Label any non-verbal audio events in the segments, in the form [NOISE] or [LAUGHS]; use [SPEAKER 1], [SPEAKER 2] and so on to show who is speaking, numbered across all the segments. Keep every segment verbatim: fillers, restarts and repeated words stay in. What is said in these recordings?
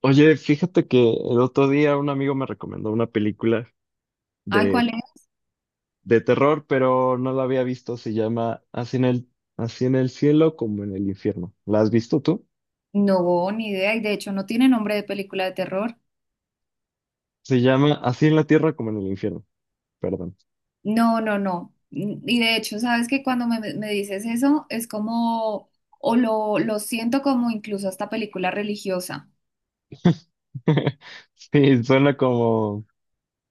[SPEAKER 1] Oye, fíjate que el otro día un amigo me recomendó una película
[SPEAKER 2] Ay,
[SPEAKER 1] de,
[SPEAKER 2] ¿cuál es?
[SPEAKER 1] de terror, pero no la había visto. Se llama Así en el, Así en el cielo como en el infierno. ¿La has visto tú?
[SPEAKER 2] No, ni idea. Y de hecho no tiene nombre de película de terror.
[SPEAKER 1] Se llama Así en la tierra como en el infierno. Perdón.
[SPEAKER 2] No, no, no. Mm, y de hecho, sabes que cuando me, me dices eso, es como, o lo, lo siento como incluso hasta película religiosa.
[SPEAKER 1] [LAUGHS] Sí, suena como...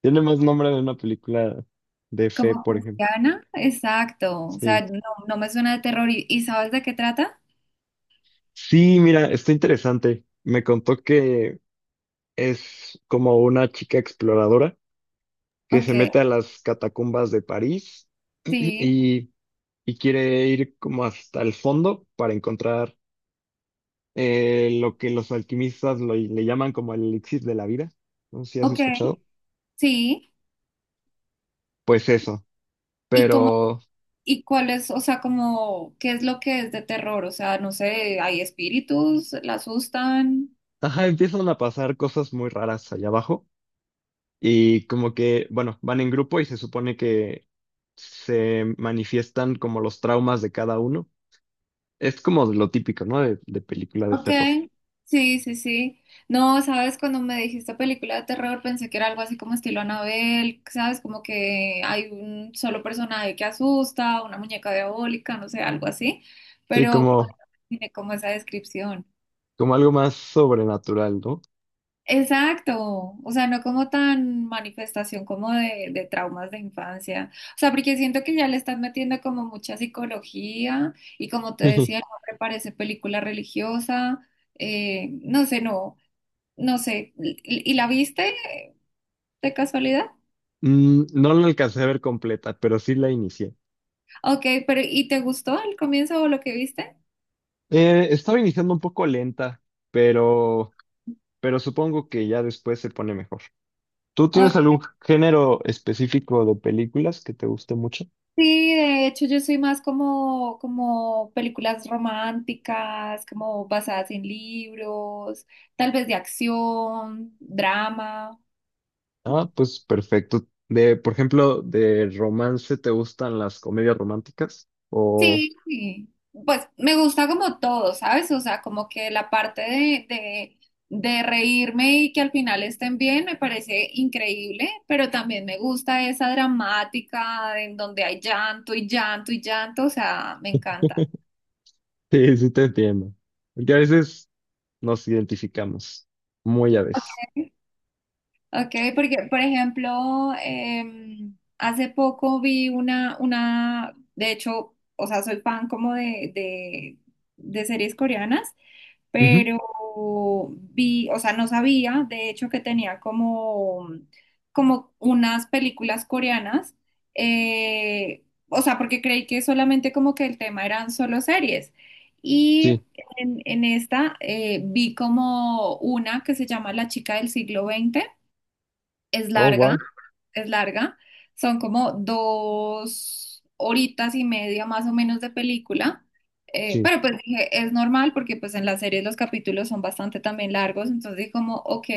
[SPEAKER 1] Tiene más nombre de una película de fe,
[SPEAKER 2] Como
[SPEAKER 1] por ejemplo.
[SPEAKER 2] cristiana, exacto. O sea,
[SPEAKER 1] Sí.
[SPEAKER 2] no, no me suena de terror. ¿Y, y sabes de qué trata?
[SPEAKER 1] Sí, mira, está interesante. Me contó que es como una chica exploradora que
[SPEAKER 2] Ok,
[SPEAKER 1] se mete a las catacumbas de París [CLEARS THROAT]
[SPEAKER 2] sí,
[SPEAKER 1] y y quiere ir como hasta el fondo para encontrar eh, lo que los alquimistas lo- le llaman como el elixir de la vida. No sé si has
[SPEAKER 2] ok,
[SPEAKER 1] escuchado.
[SPEAKER 2] sí.
[SPEAKER 1] Pues eso,
[SPEAKER 2] ¿Y cómo,
[SPEAKER 1] pero
[SPEAKER 2] y cuál es, o sea, como, qué es lo que es de terror? O sea, no sé, hay espíritus, la asustan.
[SPEAKER 1] ajá, empiezan a pasar cosas muy raras allá abajo y como que, bueno, van en grupo y se supone que se manifiestan como los traumas de cada uno. Es como lo típico, ¿no? De, de película de
[SPEAKER 2] Ok,
[SPEAKER 1] terror.
[SPEAKER 2] sí, sí, sí. No, sabes, cuando me dijiste película de terror pensé que era algo así como estilo Anabel, sabes, como que hay un solo personaje que asusta, una muñeca diabólica, no sé, algo así,
[SPEAKER 1] Sí,
[SPEAKER 2] pero
[SPEAKER 1] como,
[SPEAKER 2] tiene como esa descripción.
[SPEAKER 1] como algo más sobrenatural, ¿no?
[SPEAKER 2] Exacto, o sea, no como tan manifestación como de, de traumas de infancia, o sea, porque siento que ya le estás metiendo como mucha psicología y como te
[SPEAKER 1] [LAUGHS]
[SPEAKER 2] decía, no me parece película religiosa, eh, no sé, no. No sé, ¿y y la viste de casualidad?
[SPEAKER 1] Mm, no la alcancé a ver completa, pero sí la inicié.
[SPEAKER 2] Ok, pero ¿y te gustó el comienzo o lo que viste?
[SPEAKER 1] Eh, estaba iniciando un poco lenta, pero, pero supongo que ya después se pone mejor. ¿Tú tienes
[SPEAKER 2] Ok,
[SPEAKER 1] algún género específico de películas que te guste mucho?
[SPEAKER 2] sí, de hecho yo soy más como, como películas románticas, como basadas en libros, tal vez de acción, drama.
[SPEAKER 1] Ah, pues perfecto. De, por ejemplo, de romance, ¿te gustan las comedias románticas? O
[SPEAKER 2] Sí, sí. Pues me gusta como todo, ¿sabes? O sea, como que la parte de, de, de reírme y que al final estén bien me parece increíble, pero también me gusta esa dramática en donde hay llanto y llanto y llanto, o sea, me encanta.
[SPEAKER 1] [LAUGHS] sí, sí te entiendo. Porque a veces nos identificamos, muy a veces.
[SPEAKER 2] Ok, porque por ejemplo, em, hace poco vi una, una, de hecho, o sea, soy fan como de, de de series coreanas.
[SPEAKER 1] Ujú.
[SPEAKER 2] Pero vi, o sea, no sabía, de hecho, que tenía como, como unas películas coreanas, eh, o sea, porque creí que solamente como que el tema eran solo series. Y
[SPEAKER 1] Sí.
[SPEAKER 2] en, en esta eh, vi como una que se llama La chica del siglo veinte, es
[SPEAKER 1] Oh,
[SPEAKER 2] larga,
[SPEAKER 1] wow.
[SPEAKER 2] es larga. Son como dos horitas y media más o menos de película. Eh,
[SPEAKER 1] Sí.
[SPEAKER 2] pero pues dije, es normal porque pues en las series los capítulos son bastante también largos. Entonces dije como, ok.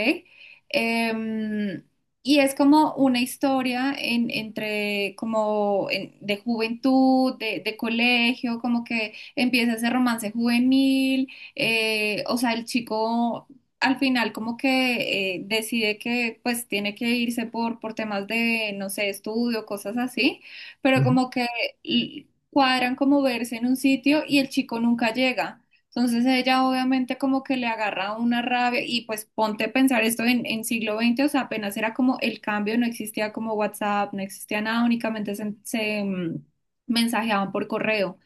[SPEAKER 2] Em, y es como una historia en- entre como en- de juventud, de, de colegio, como que empieza ese romance juvenil. Eh, o sea, el chico al final como que eh, decide que pues tiene que irse por, por temas de, no sé, estudio, cosas así, pero
[SPEAKER 1] Ujú.
[SPEAKER 2] como que l- cuadran como verse en un sitio y el chico nunca llega. Entonces ella obviamente como que le agarra una rabia y pues ponte a pensar esto en, en siglo veinte, o sea, apenas era como el cambio, no existía como WhatsApp, no existía nada, únicamente se, se, mm, mensajeaban por correo.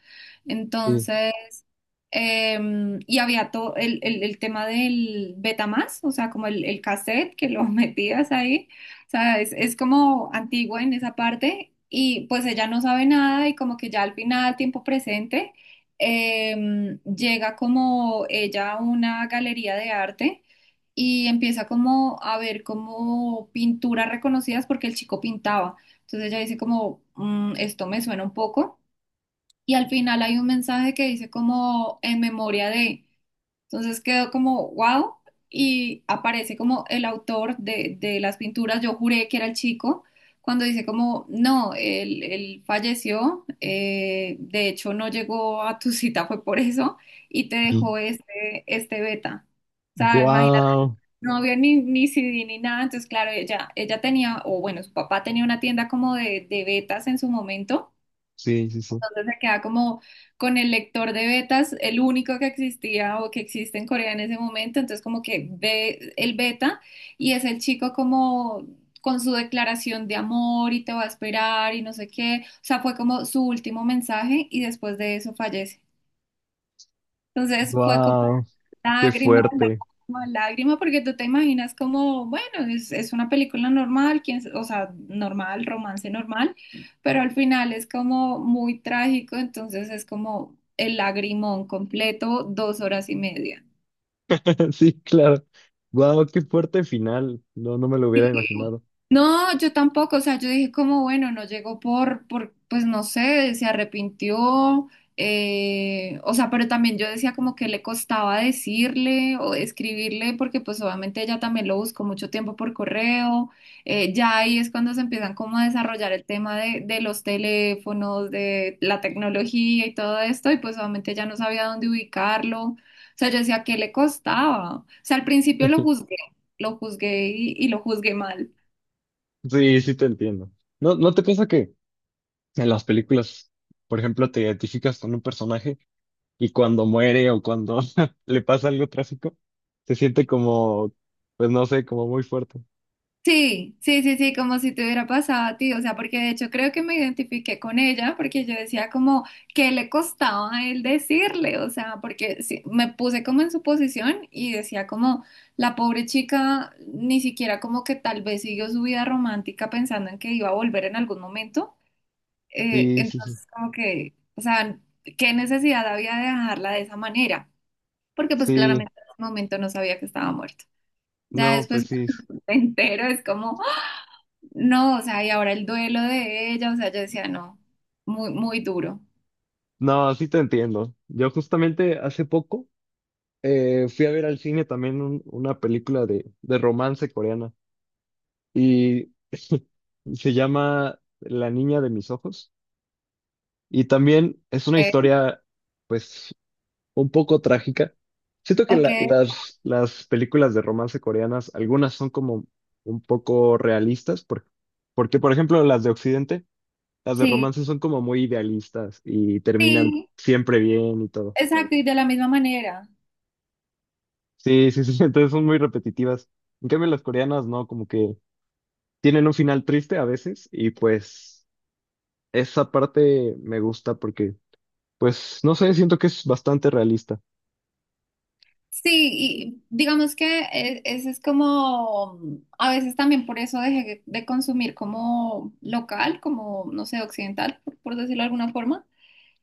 [SPEAKER 1] Sí.
[SPEAKER 2] Entonces… Em, y había todo el, el- el tema del Betamax, o sea, como el, el cassette que lo [LAUGHS] metías ahí. O sea, es, es como antigua en esa parte. Y pues ella no sabe nada y como que ya al final, tiempo presente, em, llega como ella a una galería de arte y empieza como a ver como pinturas reconocidas porque el chico pintaba. Entonces ella dice como, "Mm, esto me suena un poco", y al final hay un mensaje que dice como en memoria de. Entonces quedó como wow y aparece como el autor de, de las pinturas. Yo juré que era el chico cuando dice como no, él, él falleció, eh, de hecho no llegó a tu cita, fue por eso y te
[SPEAKER 1] Y-
[SPEAKER 2] dejó este, este beta. O sea, imagínate,
[SPEAKER 1] Guau.
[SPEAKER 2] no había ni, ni C D ni nada, entonces claro, ella, ella tenía, o bueno, su papá tenía una tienda como de, de betas en su momento,
[SPEAKER 1] Sí, sí, sí.
[SPEAKER 2] entonces se queda como con el lector de betas, el único que existía o que existe en Corea en ese momento. Entonces como que ve el beta y es el chico como con su declaración de amor y te va a esperar y no sé qué. O sea, fue como su último mensaje y después de eso fallece. Entonces fue como
[SPEAKER 1] Wow. Qué
[SPEAKER 2] lágrimas,
[SPEAKER 1] fuerte.
[SPEAKER 2] lágrimas, lágrimas, porque tú te imaginas como, bueno, es, es una película normal, quién s- o sea, normal, romance normal, pero al final es como muy trágico, entonces es como el lagrimón completo, dos horas y media.
[SPEAKER 1] [LAUGHS] Sí, claro. Wow, qué fuerte final. No, no me lo hubiera imaginado.
[SPEAKER 2] No, yo tampoco, o sea, yo dije como, bueno, no llegó por, por, pues no sé, se arrepintió, eh, o sea, pero también yo decía como que le costaba decirle o escribirle, porque pues obviamente ella también lo buscó mucho tiempo por correo, eh, ya ahí es cuando se empiezan como a desarrollar el tema de, de los teléfonos, de la tecnología y todo esto, y pues obviamente ya no sabía dónde ubicarlo, o sea, yo decía, ¿que le costaba? O sea, al principio lo
[SPEAKER 1] [LAUGHS]
[SPEAKER 2] juzgué, lo juzgué y y lo juzgué mal.
[SPEAKER 1] Sí, sí te entiendo. ¿No, no te pasa que en las películas, por ejemplo, te identificas con un personaje y cuando muere o cuando [LAUGHS] le pasa algo trágico, se siente como, pues no sé, como muy fuerte?
[SPEAKER 2] Sí, sí, sí, sí, como si te hubiera pasado a ti, o sea, porque de hecho creo que me identifiqué con ella, porque yo decía como que le costaba a él decirle, o sea, porque sí, me puse como en su posición y decía como la pobre chica ni siquiera como que tal vez siguió su vida romántica pensando en que iba a volver en algún momento, eh,
[SPEAKER 1] Sí, sí, sí.
[SPEAKER 2] entonces como que, o sea, qué necesidad había de dejarla de esa manera, porque pues
[SPEAKER 1] Sí,
[SPEAKER 2] claramente en ese momento no sabía que estaba muerto. Ya
[SPEAKER 1] no, pues
[SPEAKER 2] después [LAUGHS]
[SPEAKER 1] sí.
[SPEAKER 2] cuando me entero es como… No, o sea, y ahora el duelo de ella, o sea, yo decía, no, muy, muy duro.
[SPEAKER 1] No, sí te entiendo. Yo justamente hace poco eh, fui a ver al cine también un- una película de, de romance coreana. Y [LAUGHS] se llama La niña de mis ojos. Y también es una
[SPEAKER 2] Eh,
[SPEAKER 1] historia, pues, un poco trágica. Siento que
[SPEAKER 2] ok,
[SPEAKER 1] la- las, las películas de romance coreanas, algunas son como un poco realistas, por- porque, por ejemplo, las de Occidente, las de
[SPEAKER 2] sí,
[SPEAKER 1] romance son como muy idealistas y terminan
[SPEAKER 2] sí,
[SPEAKER 1] siempre bien y todo.
[SPEAKER 2] exacto, y de la misma manera.
[SPEAKER 1] Sí, sí, sí, [LAUGHS] entonces son muy repetitivas. En cambio, las coreanas no, como que tienen un final triste a veces. Y pues esa parte me gusta porque, pues, no sé, siento que es bastante realista.
[SPEAKER 2] Sí, y digamos que eh, ese es como, a veces también por eso dejé de consumir como local, como, no sé, occidental, por, por decirlo de alguna forma.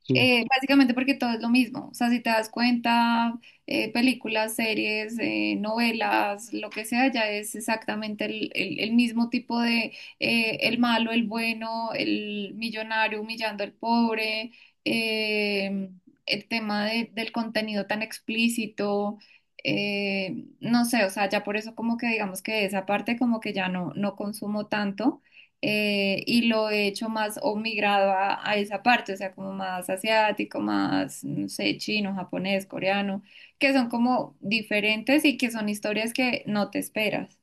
[SPEAKER 1] Sí,
[SPEAKER 2] Eh, básicamente porque todo es lo mismo. O sea, si te das cuenta, eh, películas, series, eh, novelas, lo que sea, ya es exactamente el, el- el mismo tipo de eh, el malo, el bueno, el millonario humillando al pobre, eh, el tema de- del contenido tan explícito. Eh, no sé, o sea, ya por eso como que digamos que esa parte como que ya no, no consumo tanto, eh, y lo he hecho más o migrado a, a esa parte, o sea, como más asiático, más, no sé, chino, japonés, coreano, que son como diferentes y que son historias que no te esperas.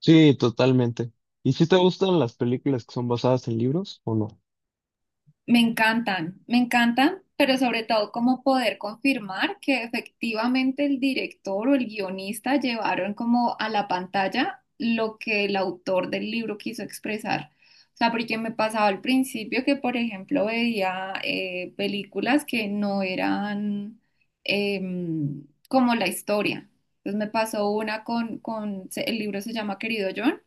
[SPEAKER 1] sí, totalmente. ¿Y si te gustan las películas que son basadas en libros o no?
[SPEAKER 2] Me encantan, me encantan, pero sobre todo como poder confirmar que efectivamente el director o el guionista llevaron como a la pantalla lo que el autor del libro quiso expresar. O sea, porque me pasaba al principio que, por ejemplo, veía eh, películas que no eran em, como la historia. Entonces me pasó una con, con, se- el libro se llama Querido John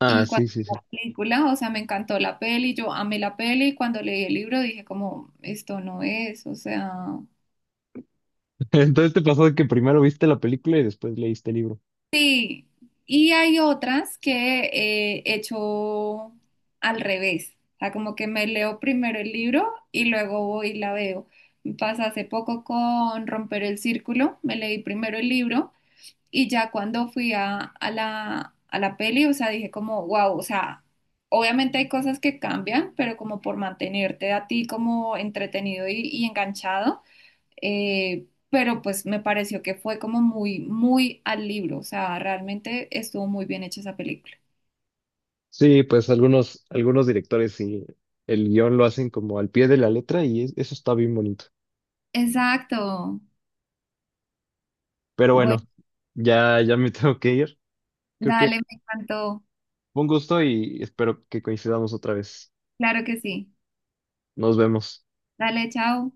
[SPEAKER 1] Ah,
[SPEAKER 2] y cuando
[SPEAKER 1] sí, sí,
[SPEAKER 2] vi
[SPEAKER 1] sí.
[SPEAKER 2] la película, o sea, me encantó la peli, yo amé la peli, y cuando leí el libro dije como, esto no es, o sea,
[SPEAKER 1] [LAUGHS] Entonces te pasó que primero viste la película y después leíste el libro.
[SPEAKER 2] sí. Y hay otras que eh, he hecho al revés, o sea, como que me leo primero el libro y luego voy y la veo. Me pasa hace poco con Romper el Círculo, me leí primero el libro, y ya cuando fui a, a la, a la peli, o sea, dije como, wow, o sea, obviamente hay cosas que cambian, pero como por mantenerte a ti como entretenido y, y enganchado, eh, pero pues me pareció que fue como muy, muy al libro, o sea, realmente estuvo muy bien hecha esa película.
[SPEAKER 1] Sí, pues algunos, algunos directores sí, el guión lo hacen como al pie de la letra y es- eso está bien bonito.
[SPEAKER 2] Exacto.
[SPEAKER 1] Pero bueno,
[SPEAKER 2] Bueno,
[SPEAKER 1] ya, ya me [LAUGHS] tengo que ir. Creo que
[SPEAKER 2] dale, me encantó.
[SPEAKER 1] fue un gusto y espero que coincidamos otra vez.
[SPEAKER 2] Claro que sí.
[SPEAKER 1] Nos vemos.
[SPEAKER 2] Dale, chao.